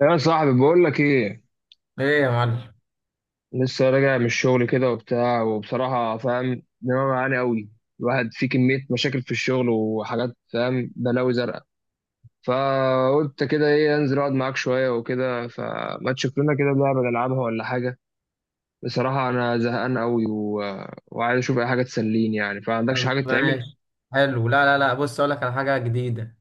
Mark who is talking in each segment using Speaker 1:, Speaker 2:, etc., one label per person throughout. Speaker 1: يا صاحبي بقول لك ايه،
Speaker 2: ايه يا معلم.
Speaker 1: لسه راجع من الشغل كده وبتاع، وبصراحه فاهم دماغي معاني قوي. الواحد فيه كميه مشاكل في الشغل وحاجات، فاهم، بلاوي زرقاء. فقلت كده ايه، انزل اقعد معاك شويه وكده، فما تشوف لنا كده لعبه نلعبها ولا حاجه. بصراحه انا زهقان قوي و... وعايز اشوف اي حاجه تسليني يعني. فعندكش
Speaker 2: طب
Speaker 1: حاجه تعمل؟
Speaker 2: ماشي. حلو. لا، لا، لا، بص اقول لك على حاجه جديده.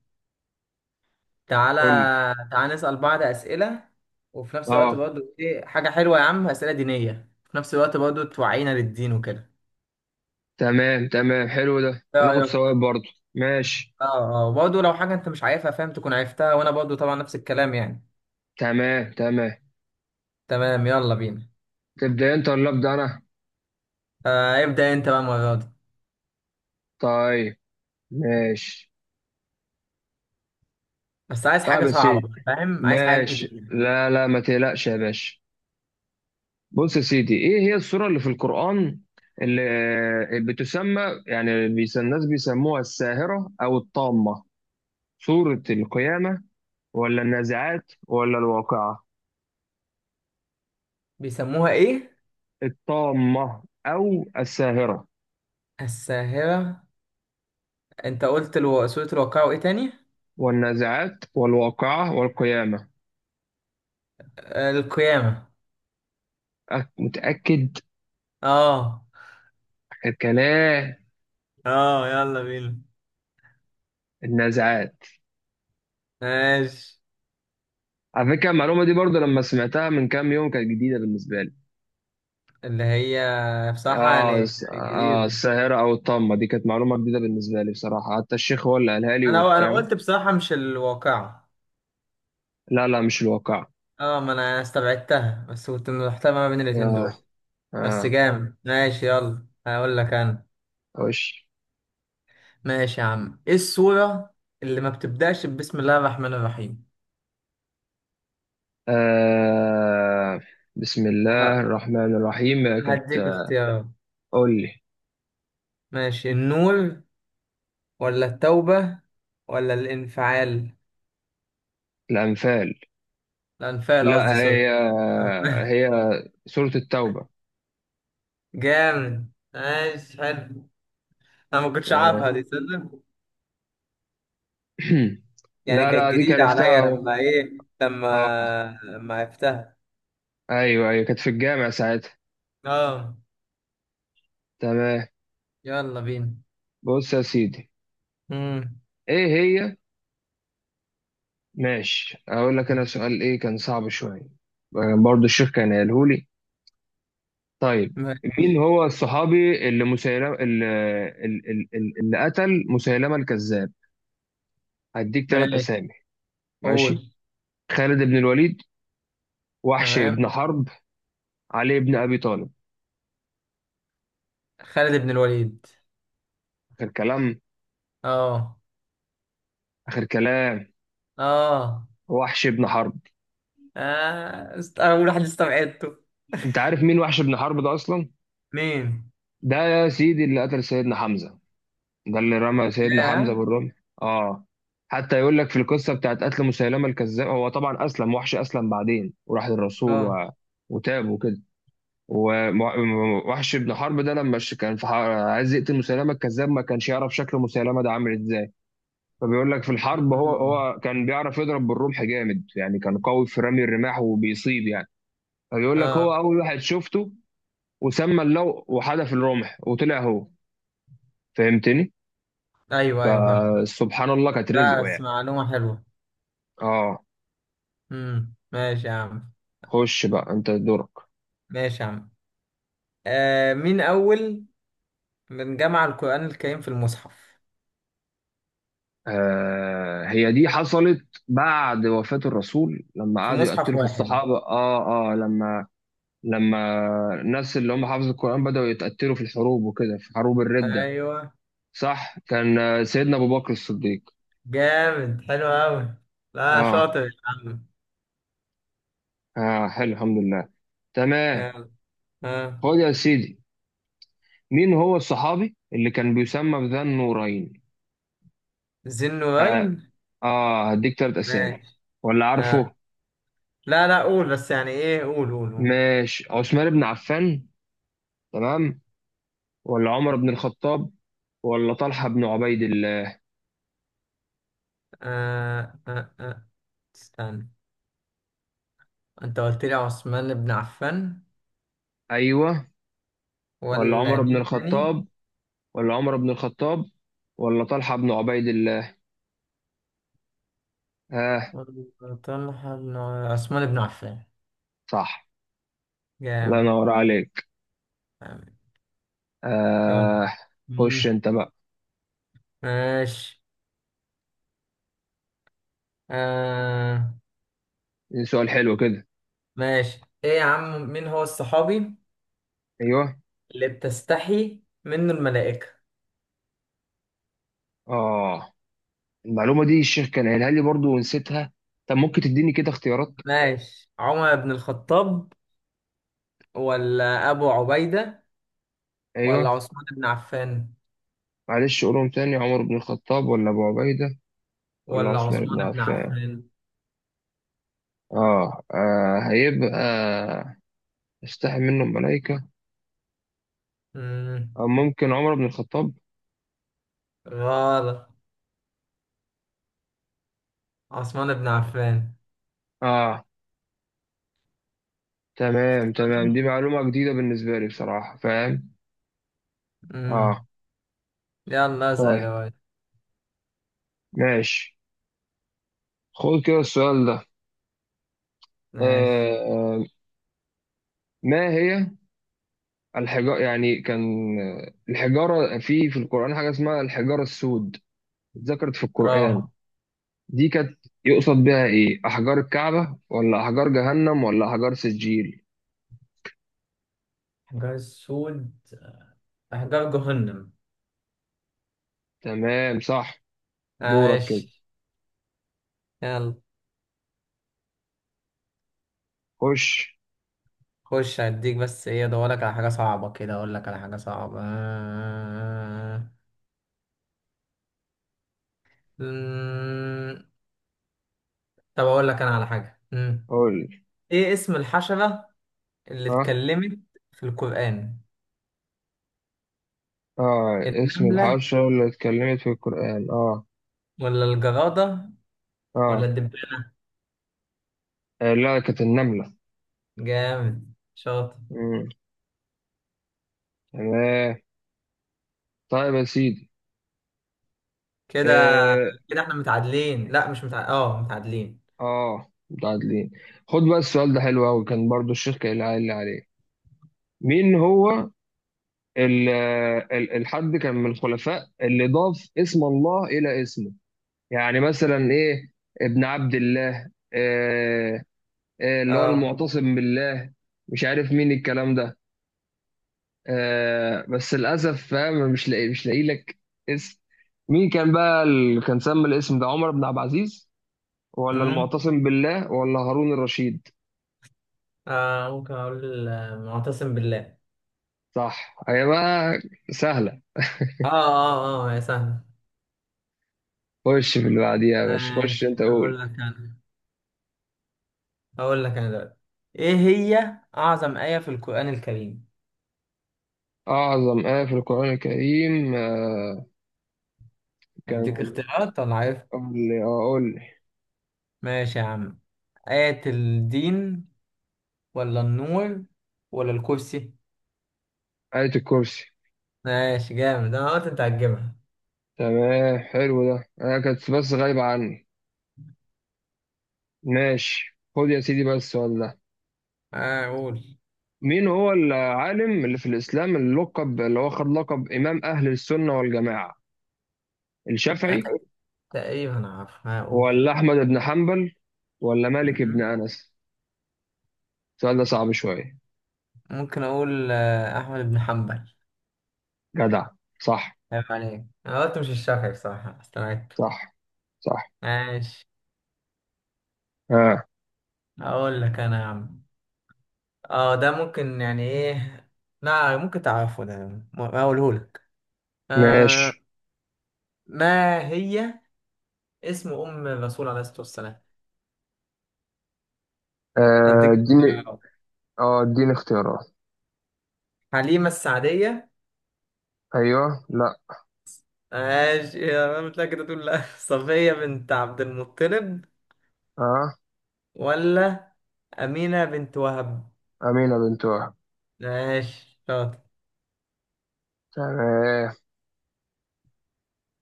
Speaker 2: تعالى،
Speaker 1: قول لي.
Speaker 2: تعالى، نسال بعض اسئله، وفي نفس الوقت
Speaker 1: اه،
Speaker 2: برضو ايه حاجه حلوه يا عم. اسئله دينيه في نفس الوقت برضو توعينا للدين وكده.
Speaker 1: تمام تمام، حلو ده
Speaker 2: ايه
Speaker 1: وناخد
Speaker 2: رايك؟
Speaker 1: ثواب برضه. ماشي.
Speaker 2: اه، اه، برضو لو حاجه انت مش عارفها فاهم تكون عرفتها، وانا برضو طبعا نفس الكلام يعني.
Speaker 1: تمام تمام.
Speaker 2: تمام، يلا بينا.
Speaker 1: تبدا انت ولا ابدا انا؟
Speaker 2: آه، ابدا انت بقى المره دي.
Speaker 1: طيب. ماشي.
Speaker 2: بس عايز حاجه
Speaker 1: طيب يا
Speaker 2: صعبه
Speaker 1: سيدي.
Speaker 2: بقى، فاهم، عايز حاجات
Speaker 1: ماشي،
Speaker 2: جديده.
Speaker 1: لا لا، ما تقلقش يا باشا. بص يا سيدي، ايه هي السورة اللي في القرآن اللي بتسمى يعني الناس بيسموها الساهرة أو الطامة؟ سورة القيامة ولا النازعات ولا الواقعة؟
Speaker 2: بيسموها ايه؟
Speaker 1: الطامة أو الساهرة.
Speaker 2: الساهره. انت قلت سوره الواقعه وايه تاني؟
Speaker 1: والنازعات والواقعة والقيامة.
Speaker 2: آه، القيامه.
Speaker 1: متأكد
Speaker 2: اه،
Speaker 1: كلام.
Speaker 2: اه، يلا بينا.
Speaker 1: النازعات.
Speaker 2: ماشي.
Speaker 1: على فكرة المعلومة دي برضو لما سمعتها من كام يوم كانت جديدة بالنسبة لي.
Speaker 2: اللي هي بصراحة
Speaker 1: اه
Speaker 2: يعني
Speaker 1: س- اه
Speaker 2: جديدة.
Speaker 1: الساهرة او الطامة دي كانت معلومة جديدة بالنسبة لي بصراحة، حتى الشيخ هو اللي قالها لي
Speaker 2: انا
Speaker 1: وفاهم.
Speaker 2: قلت بصراحة مش الواقعة.
Speaker 1: لا لا، مش الواقع.
Speaker 2: اه، ما انا استبعدتها بس كنت محتار ما بين الاتنين
Speaker 1: يا،
Speaker 2: دول. بس
Speaker 1: اه،
Speaker 2: جامد، ماشي، يلا هقول لك انا.
Speaker 1: وش،
Speaker 2: ماشي يا عم، ايه السورة اللي ما بتبدأش بسم الله الرحمن الرحيم؟
Speaker 1: آه بسم الله
Speaker 2: ه-
Speaker 1: الرحمن الرحيم كانت
Speaker 2: هديك اختيارات.
Speaker 1: قول لي.
Speaker 2: ماشي، النور ولا التوبة ولا الانفعال.
Speaker 1: الأنفال.
Speaker 2: الانفعال، قصدي،
Speaker 1: لا،
Speaker 2: سوري.
Speaker 1: هي، هي سورة التوبة.
Speaker 2: جامد، ماشي، حلو. انا ما كنتش عارفها
Speaker 1: آه،
Speaker 2: دي تصدق. يعني
Speaker 1: لا
Speaker 2: كانت
Speaker 1: لا دي كان
Speaker 2: جديدة
Speaker 1: عرفتها
Speaker 2: عليا
Speaker 1: اهو.
Speaker 2: لما ايه
Speaker 1: اه.
Speaker 2: لما لما عرفتها.
Speaker 1: ايوه ايوه، كانت في الجامع ساعتها.
Speaker 2: اه،
Speaker 1: تمام.
Speaker 2: يلا بينا.
Speaker 1: بص يا سيدي،
Speaker 2: امم
Speaker 1: ايه هي، ماشي اقول لك انا سؤال ايه كان صعب شويه. برضو الشيخ كان قاله لي. طيب. مين
Speaker 2: ماشي،
Speaker 1: هو الصحابي اللي مسيلمه اللي, اللي قتل مسيلمه الكذاب؟ هديك ثلاث
Speaker 2: ماشي.
Speaker 1: اسامي. ماشي.
Speaker 2: قول.
Speaker 1: خالد بن الوليد، وحش بن
Speaker 2: تمام.
Speaker 1: حرب، علي بن ابي طالب.
Speaker 2: خالد بن الوليد.
Speaker 1: اخر كلام؟
Speaker 2: اه،
Speaker 1: اخر كلام.
Speaker 2: اه،
Speaker 1: وحش بن حرب.
Speaker 2: اه، اول واحد استبعدته.
Speaker 1: انت عارف مين وحش بن حرب ده اصلا؟
Speaker 2: مين؟
Speaker 1: ده يا سيدي اللي قتل سيدنا حمزه، ده اللي رمى سيدنا حمزة
Speaker 2: اه،
Speaker 1: بالرمح. اه. حتى يقول لك في القصة بتاعت قتل مسيلمة الكذاب، هو طبعا أسلم، وحش أسلم بعدين وراح للرسول
Speaker 2: اه.
Speaker 1: و... وتاب وكده. ووحش بن حرب ده لما كان في عايز يقتل مسيلمة الكذاب، ما كانش يعرف شكل مسيلمة ده عامل ازاي. فبيقول لك في الحرب هو
Speaker 2: مم.
Speaker 1: هو كان بيعرف يضرب بالرمح جامد، يعني كان قوي في رمي الرماح وبيصيب يعني. فبيقول لك
Speaker 2: اه.
Speaker 1: هو أول واحد شفته، وسمى اللو وحدف الرمح وطلع هو. فهمتني؟
Speaker 2: ايوه، ايوه، فاهم.
Speaker 1: سبحان الله كانت رزقه
Speaker 2: بس
Speaker 1: يعني.
Speaker 2: معلومة حلوة.
Speaker 1: اه.
Speaker 2: ماشي يا عم.
Speaker 1: خش بقى انت دورك.
Speaker 2: ماشي يا عم، آه، مين اول من جمع القرآن الكريم في المصحف،
Speaker 1: آه هي دي حصلت بعد وفاة الرسول، لما
Speaker 2: في
Speaker 1: قعدوا
Speaker 2: مصحف
Speaker 1: يقتلوا في
Speaker 2: واحد؟
Speaker 1: الصحابة، اه لما الناس اللي هم حافظوا القرآن بدأوا يتقتلوا في الحروب وكده، في حروب الردة.
Speaker 2: أيوه.
Speaker 1: صح، كان سيدنا أبو بكر الصديق.
Speaker 2: جامد، حلو أوي. لا،
Speaker 1: اه.
Speaker 2: شاطر يا عم.
Speaker 1: اه حلو، الحمد لله. تمام.
Speaker 2: يلا. آه.
Speaker 1: خد يا سيدي، مين هو الصحابي اللي كان بيسمى بذا النورين؟
Speaker 2: ذي
Speaker 1: اه,
Speaker 2: النورين.
Speaker 1: هديك تلات أسامي.
Speaker 2: ماشي.
Speaker 1: ولا عارفه؟
Speaker 2: آه. لا، لا، قول بس يعني إيه. قول، قول، قول.
Speaker 1: ماشي، عثمان بن عفان، تمام، ولا عمر بن الخطاب ولا طلحة بن عبيد الله.
Speaker 2: آه. آه. آه. استنى، أنت قلت لي عثمان بن عفان
Speaker 1: أيوة، ولا
Speaker 2: ولا
Speaker 1: عمر بن
Speaker 2: مين تاني؟
Speaker 1: الخطاب، ولا عمر بن الخطاب ولا طلحة بن عبيد الله. آه.
Speaker 2: ولا طلحة بن عثمان بن عفان.
Speaker 1: صح. الله
Speaker 2: جامد.
Speaker 1: ينور عليك.
Speaker 2: جامد. يلا.
Speaker 1: آه. خش
Speaker 2: مم.
Speaker 1: أنت بقى.
Speaker 2: ماشي. آه.
Speaker 1: دي سؤال حلو كده.
Speaker 2: ماشي، ايه يا عم، مين هو الصحابي
Speaker 1: أيوة.
Speaker 2: اللي بتستحي منه الملائكة؟
Speaker 1: آه. المعلومة دي الشيخ كان قايلها لي برضو ونسيتها. طب ممكن تديني كده اختيارات؟
Speaker 2: ماشي، عمر بن الخطاب ولا أبو عبيدة ولا
Speaker 1: أيوة.
Speaker 2: عثمان بن عفان.
Speaker 1: معلش قولهم تاني، عمر بن الخطاب ولا أبو عبيدة ولا
Speaker 2: ولا
Speaker 1: عثمان
Speaker 2: عثمان
Speaker 1: بن
Speaker 2: بن
Speaker 1: عفان.
Speaker 2: عفان.
Speaker 1: آه هيبقى استحي منه الملائكة.
Speaker 2: مم.
Speaker 1: أو ممكن عمر بن الخطاب.
Speaker 2: غلط. عثمان بن عفان.
Speaker 1: اه. تمام تمام، دي معلومة جديدة بالنسبة لي بصراحة، فاهم. اه.
Speaker 2: امم يلا اسأل
Speaker 1: طيب.
Speaker 2: يا واد.
Speaker 1: ماشي. خد كده السؤال ده. آه
Speaker 2: ماشي.
Speaker 1: آه ما هي الحجارة، يعني كان، الحجارة، في القرآن حاجة اسمها الحجارة السود ذكرت في القرآن.
Speaker 2: اه،
Speaker 1: دي كانت يقصد بها ايه، أحجار الكعبة ولا أحجار جهنم ولا أحجار سجيل؟
Speaker 2: حجار السود. احجار جهنم.
Speaker 1: تمام، صح. دورك كده.
Speaker 2: ماشي، يلا.
Speaker 1: خش.
Speaker 2: خش، هديك بس ايه، ادورلك على حاجة صعبة كده، اقول لك على حاجة صعبة. أمم، طب اقول لك انا على حاجة
Speaker 1: قول.
Speaker 2: ايه اسم الحشرة اللي
Speaker 1: ها.
Speaker 2: اتكلمت في القرآن؟
Speaker 1: اه، اسم
Speaker 2: النملة
Speaker 1: الحشرة اللي اتكلمت في القرآن، اه.
Speaker 2: ولا الجرادة ولا
Speaker 1: اه.
Speaker 2: الدبانة؟
Speaker 1: لا، كانت النملة.
Speaker 2: جامد، شاطر.
Speaker 1: مم. تمام. طيب يا سيدي.
Speaker 2: كده،
Speaker 1: اه.
Speaker 2: كده احنا متعادلين، لا مش متعادلين، اه متعادلين.
Speaker 1: اه، متعادلين. خد بقى السؤال ده، حلو أوي، كان برضو الشيخ اللي قايل عليه. مين هو ال الحد كان من الخلفاء اللي ضاف اسم الله إلى اسمه، يعني مثلا إيه، ابن عبد الله، آه اللي هو
Speaker 2: اه.
Speaker 1: المعتصم بالله، مش عارف مين الكلام ده. آه بس للاسف فاهم، مش لاقي لك اسم. مين كان بقى اللي كان سمى الاسم ده، عمر بن عبد العزيز ولا
Speaker 2: أمم.
Speaker 1: المعتصم بالله ولا هارون الرشيد؟
Speaker 2: اه، ممكن اقول معتصم بالله.
Speaker 1: صح. هي بقى سهله.
Speaker 2: اه، اه، اه، يا سهل.
Speaker 1: خش في اللي بعديها يا باشا، خش
Speaker 2: ماشي،
Speaker 1: انت قول.
Speaker 2: اقول لك انا. هقول لك انا دلوقتي، ايه هي اعظم آية في القرآن الكريم؟
Speaker 1: اعظم ايه في القران الكريم آه، كان
Speaker 2: اديك
Speaker 1: قول
Speaker 2: اختيارات ولا عارف؟
Speaker 1: لي. اه، قول لي.
Speaker 2: ماشي يا عم، آية الدين ولا النور ولا الكرسي؟
Speaker 1: ايه الكرسي.
Speaker 2: ماشي، جامد، انا قلت انت هتجيبها.
Speaker 1: تمام، حلو ده، انا كانت بس غايبه عني. ماشي، خد يا سيدي بس ولا.
Speaker 2: آه، قول.
Speaker 1: مين هو العالم اللي في الإسلام اللي لقب، اللي هو خد لقب إمام أهل السنة والجماعة؟
Speaker 2: انا
Speaker 1: الشافعي
Speaker 2: إيه؟ تقريبا عارفها، اقول.
Speaker 1: ولا أحمد بن حنبل ولا مالك بن أنس؟ السؤال ده صعب شوية.
Speaker 2: ممكن اقول احمد بن حنبل.
Speaker 1: جدع، صح
Speaker 2: عيب عليك، انا قلت مش الشافعي بصراحة، استبعدت.
Speaker 1: صح صح.
Speaker 2: ماشي،
Speaker 1: آه.
Speaker 2: اقول لك انا يا عم. اه، ده ممكن يعني ايه، لا ممكن تعرفه ده، هقوله لك. آه.
Speaker 1: ماشي.
Speaker 2: ما هي اسم أم الرسول عليه الصلاة والسلام؟
Speaker 1: آه
Speaker 2: أديك
Speaker 1: اديني.
Speaker 2: اختيارات.
Speaker 1: اه اديني اختيارات.
Speaker 2: حليمة السعدية.
Speaker 1: ايوه، لا.
Speaker 2: ماشي، يا مش كده تقول لا. صفية بنت عبد المطلب
Speaker 1: اه.
Speaker 2: ولا أمينة بنت وهب؟
Speaker 1: امينه بنت وهب.
Speaker 2: ماشي، شاطر.
Speaker 1: تمام.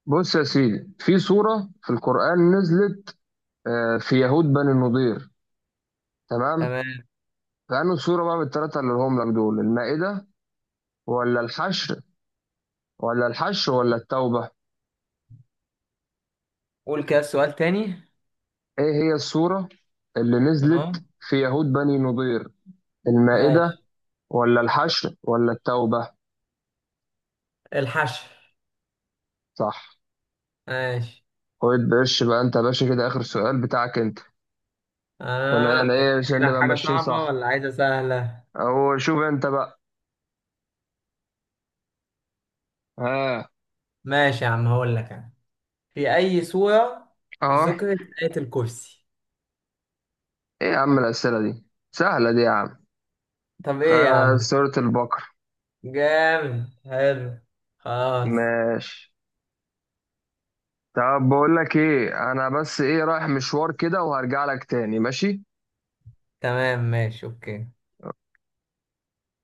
Speaker 1: بص يا سيدي، في سوره في القران نزلت في يهود بني النضير، تمام؟
Speaker 2: تمام.
Speaker 1: فانه سوره بقى بالثلاثه اللي هم لك دول، المائده ولا الحشر ولا الحشر ولا التوبة؟
Speaker 2: قول كده سؤال تاني.
Speaker 1: إيه هي السورة اللي
Speaker 2: أهو.
Speaker 1: نزلت في يهود بني نضير؟ المائدة
Speaker 2: ماشي.
Speaker 1: ولا الحشر ولا التوبة؟
Speaker 2: الحشر.
Speaker 1: صح.
Speaker 2: ماشي.
Speaker 1: خد بقش بقى أنت يا باشا كده آخر سؤال بتاعك أنت، عشان أنا
Speaker 2: آه، أجيب
Speaker 1: إيه، عشان
Speaker 2: لك
Speaker 1: نبقى
Speaker 2: حاجة
Speaker 1: ماشيين
Speaker 2: صعبة
Speaker 1: صح.
Speaker 2: ولا عايزة سهلة؟
Speaker 1: أو شوف أنت بقى. ها.
Speaker 2: ماشي يا عم، هقول لك أنا، في أي سورة
Speaker 1: أه.
Speaker 2: ذكرت آية الكرسي؟
Speaker 1: إيه يا عم الأسئلة دي، سهلة دي يا عم.
Speaker 2: طب إيه يا عم؟
Speaker 1: سورة البقرة.
Speaker 2: جامد، حلو. خلاص.
Speaker 1: ماشي. طب بقول لك ايه، انا بس ايه رايح مشوار كده وهرجع لك تاني، ماشي.
Speaker 2: تمام، ماشي، اوكي.